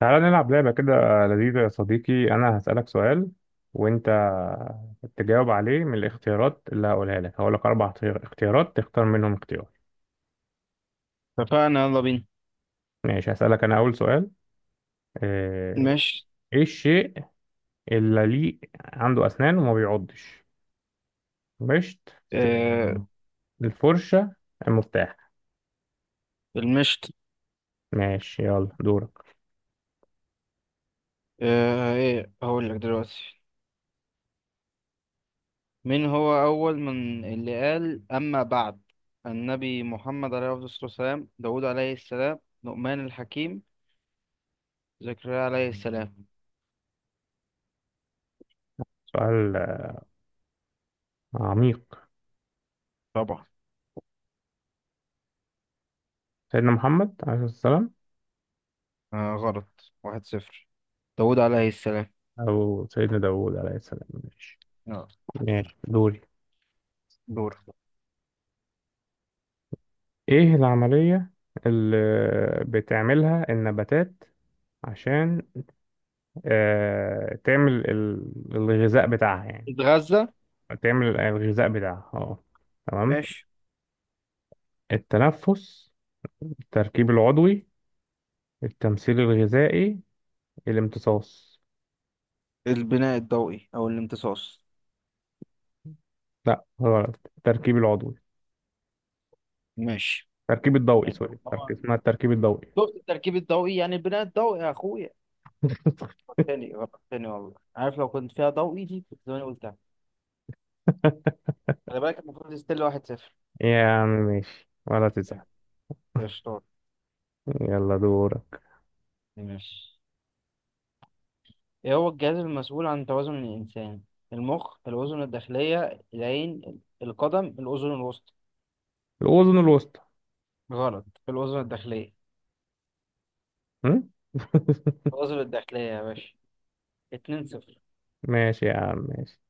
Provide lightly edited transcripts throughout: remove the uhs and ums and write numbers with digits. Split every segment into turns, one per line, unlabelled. تعالى نلعب لعبة كده لذيذة يا صديقي. أنا هسألك سؤال وأنت تجاوب عليه من الاختيارات اللي هقولها لك. هقول لك اختيارات تختار منهم اختيار.
اتفقنا، يلا بينا.
ماشي، هسألك أنا أول سؤال. آه،
مشت.
إيه الشيء اللي ليه عنده أسنان وما بيعضش؟ مشت،
آه.
الفرشة، المفتاح؟
المشت.
ماشي يلا دورك.
آه، ايه هقول لك دلوقتي. مين هو اول من اللي قال اما بعد؟ النبي محمد عليه الصلاة والسلام، داود عليه السلام، لقمان الحكيم، زكريا عليه السلام.
سؤال عميق.
طبعا.
سيدنا محمد عليه السلام
آه، غلط. 1-0. داود عليه السلام.
أو سيدنا داوود عليه السلام. ماشي،
يلا
ماشي دوري.
دور.
ايه العملية اللي بتعملها النباتات عشان تعمل الغذاء بتاعها يعني؟
اتغذى.
تعمل الغذاء بتاعها، اه تمام.
ماشي.
التنفس، التركيب العضوي، التمثيل الغذائي، الامتصاص؟
البناء الضوئي او الامتصاص.
لا غلط، التركيب العضوي.
ماشي.
التركيب الضوئي، سوري، التركيب اسمها التركيب الضوئي.
شفت؟ التركيب الضوئي يعني البناء الضوئي يا اخويا. تاني غلط تاني، والله عارف لو كنت فيها ضوئي دي كنت زماني قلتها. خلي بالك، المفروض ستيل. 1-0.
يا عم ماشي ولا تزعل.
قشطات.
يلا دورك.
ماشي. ايه هو الجهاز المسؤول عن توازن الإنسان؟ المخ، الأذن الداخلية، العين، القدم، الأذن الوسطى.
الأذن الوسطى.
غلط، الأذن الداخلية.
م?
الأذن الداخلية يا باشا. 2-0.
ماشي يا عم ماشي.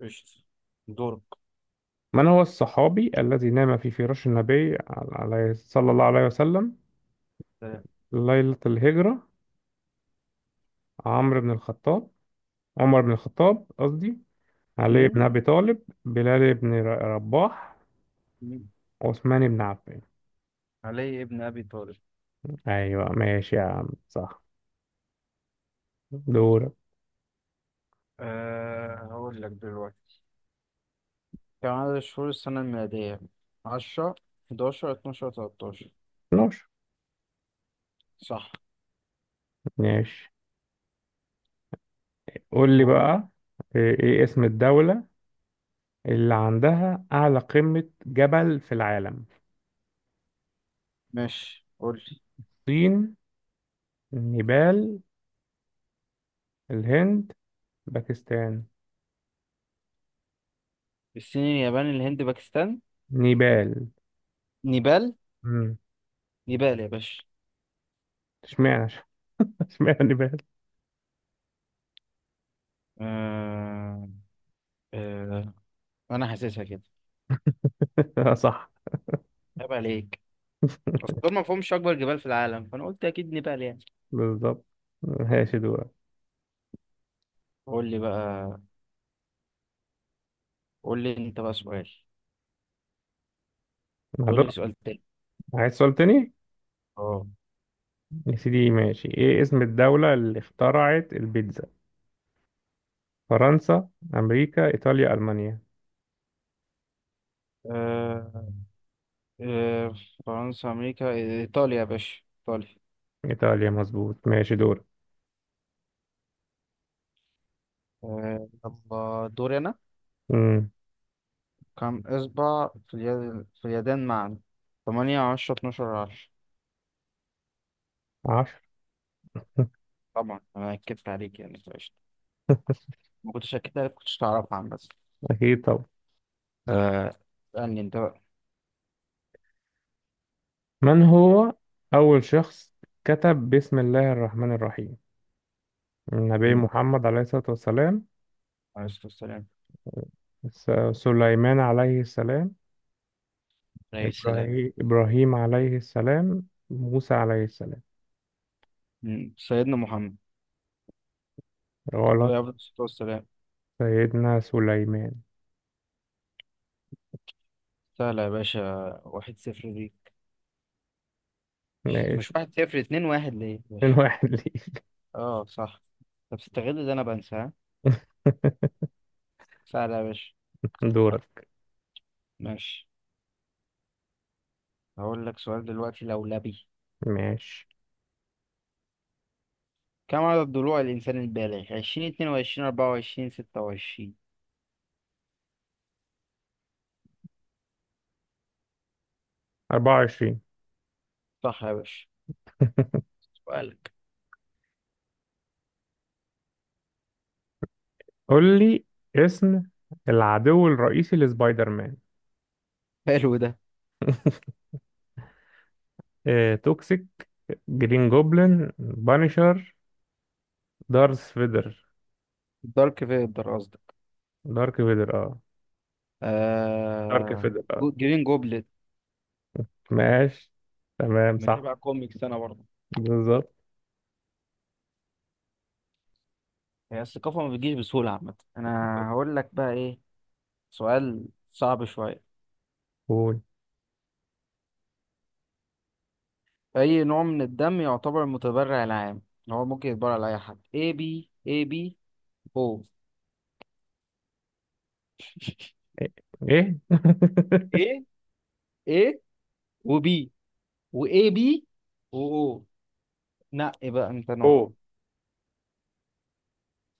قشطة. دورك.
من هو الصحابي الذي نام في فراش النبي عليه صلى الله عليه وسلم
سلام.
ليلة الهجرة؟ عمرو بن الخطاب، عمر بن الخطاب قصدي، علي بن
مم؟
أبي طالب، بلال بن رباح،
مم.
عثمان بن عفان.
علي ابن أبي طالب.
أيوة ماشي يا عم صح. دورك.
أه، هقول لك دلوقتي. كم عدد شهور السنة الميلادية؟ 10، 11، 12، 13
نوش.
صح.
ماشي، قول لي
دور.
بقى. إيه اسم الدولة اللي عندها أعلى قمة جبل في العالم؟
ماشي، قول لي.
الصين، نيبال، الهند، باكستان.
الصين، اليابان، الهند، باكستان،
نيبال.
نيبال. نيبال يا باشا.
اشمعنى؟ اشمعنى نبال.
آه... آه... انا حاسسها كده.
صح.
عيب عليك. اصل دول ما فيهمش اكبر جبال في العالم، فانا قلت اكيد نيبال يعني.
بالظبط، ماشي دورك.
قول لي بقى. قول لي انت بقى سؤال. قول
هدور،
لي سؤال تاني.
عايز سؤال تاني.
اه.
يا سيدي ماشي، ايه اسم الدولة اللي اخترعت البيتزا؟ فرنسا، امريكا، ايطاليا، المانيا.
آه، آه، فرنسا، امريكا، ايطاليا يا باشا، ايطاليا.
ايطاليا مظبوط، ماشي دورك.
آه، يلا دوري انا.
امم
كم اصبع في اليد، في اليدين معا؟ 8، 10، 12، 10.
10.
طبعا انا اكدت عليك يعني فقشطة. ما كنتش اكدت عليك كنتش تعرفها عن بس.
اكيد طبعا.
آه. اسألني انت بقى.
من هو اول شخص كتب بسم الله الرحمن الرحيم؟ النبي
مم.
محمد عليه الصلاة والسلام،
عليه الصلاة والسلام.
سليمان عليه السلام،
عليه السلام.
إبراهيم عليه السلام، موسى عليه السلام.
مم. سيدنا محمد عليه
غلط،
أفضل الصلاة والسلام.
سيدنا سليمان.
سهلة يا باشا. 1-0 دي. مش
ماشي.
مش واحد صفر 2-1 ليه يا
اتنين
باشا.
واحد ليك.
اه صح. طب استغل اللي أنا بنسى ها. سهلة يا باشا.
دورك.
ماشي. هقول لك سؤال دلوقتي لولبي.
ماشي،
كم عدد ضلوع الإنسان البالغ؟ 20، 22، 24، 26
24.
صح يا باشا. سؤالك.
قول لي اسم العدو الرئيسي لسبايدر مان.
حلو ده.
اه توكسيك، جرين جوبلin بانشر، دارث فيدر.
الدارك في الدراسة.
دارك فيدر اه، دارك
آه...
فيدر
جرين جوبلت.
ماشي تمام صح.
متابع كوميكس انا برضه.
بالظبط.
هي الثقافة ما بتجيش بسهولة عامة. انا هقول لك بقى ايه. سؤال صعب شوية.
قول
اي نوع من الدم يعتبر المتبرع العام اللي هو ممكن يتبرع لأي حد؟ A B، A B، O.
ايه؟ إيه؟
ايه. A وبي وA B وO. نقي بقى انت نوع.
اوه.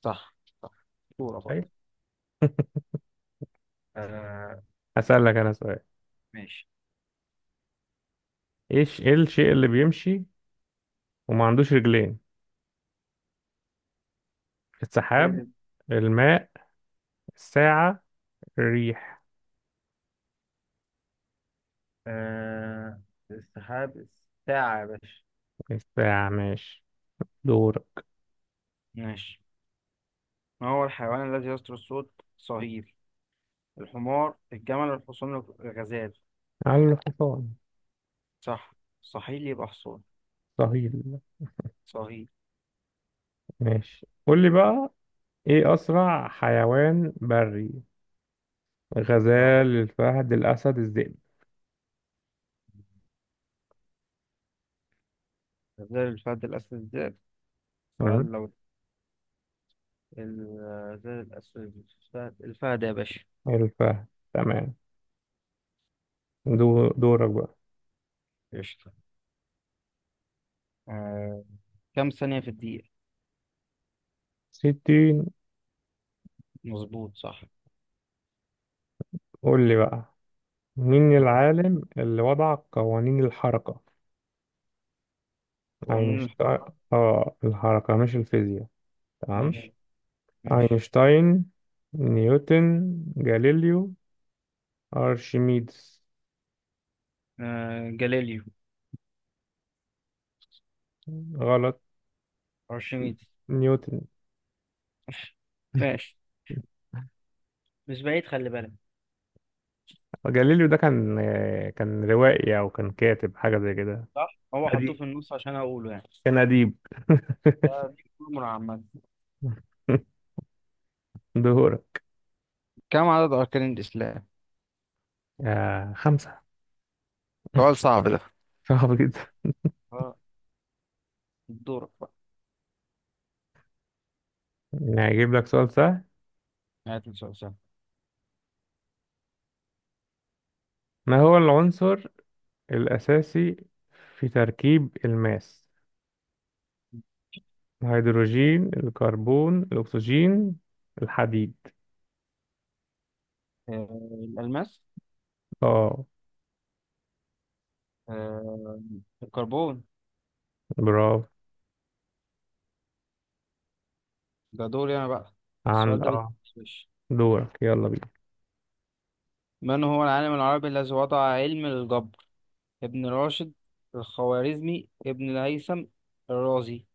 صح. صح. صورة
أيوة.
برضه. آه.
هسألك انا سؤال.
ماشي.
ايه الشيء اللي بيمشي وما عندوش رجلين؟ السحاب،
تالت.
الماء، الساعة، الريح.
آه، السحاب، الساعة يا باشا.
الساعة، ماشي دورك.
ماشي. ما هو الحيوان الذي يصدر الصوت صهيل؟ الحمار، الجمل، الحصان، الغزال.
على الحصان.
صح، صهيل يبقى حصان.
صهيل.
صهيل.
ماشي، قول لي بقى. ايه أسرع حيوان بري؟
أهو.
الغزال، الفهد، الأسد، الذئب.
غزال، الفهد، الأسد، الذئب. سؤال
مم.
لو. الغزال، الأسد، الفهد. الفهد يا باشا.
الفهد تمام. دورك بقى.
قشطة. آه. كم ثانية في الدقيقة؟
60.
مظبوط، صح.
قول لي بقى، مين
هو
العالم اللي وضع قوانين الحركة؟
وقانون الحرب.
أينشتاين. اه الحركة مش الفيزياء. تمام.
ماشي. ماشي.
أينشتاين، نيوتن، جاليليو، أرشميدس.
آه، جاليليو،
غلط،
أرشميدس.
نيوتن.
ماشي، مش بعيد، خلي بالك.
جاليليو ده كان روائي أو كان كاتب حاجة زي كده.
صح، هو حطوه
أدي،
في النص عشان أقوله يعني.
كان أديب.
آه، دي أمور عامة.
دهورة.
كم عدد أركان الإسلام؟
آه خمسة.
سؤال صعب ده.
صعب جدا.
اه. دورك بقى.
يعني هجيب لك سؤال سهل.
هات لي سؤال سهل.
ما هو العنصر الأساسي في تركيب الماس؟ الهيدروجين، الكربون، الأكسجين، الحديد.
آه، الألماس.
اه
آه، الكربون.
برافو.
ده دوري أنا بقى.
عند
السؤال ده بيتفش.
دورك يلا بينا.
من هو العالم العربي الذي وضع علم الجبر؟ ابن راشد، الخوارزمي، ابن الهيثم، الرازي.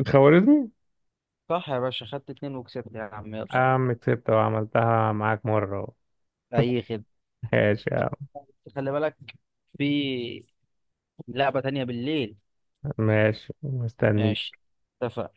الخوارزمي.
صح يا باشا، خدت اتنين وكسبت يا عم، يلا.
آه عم كسبت وعملتها معاك مرة.
أي خدمة.
ماشي يا
طب،
عم،
خلي بالك، في لعبة تانية بالليل.
ماشي مستني.
ماشي، اتفق.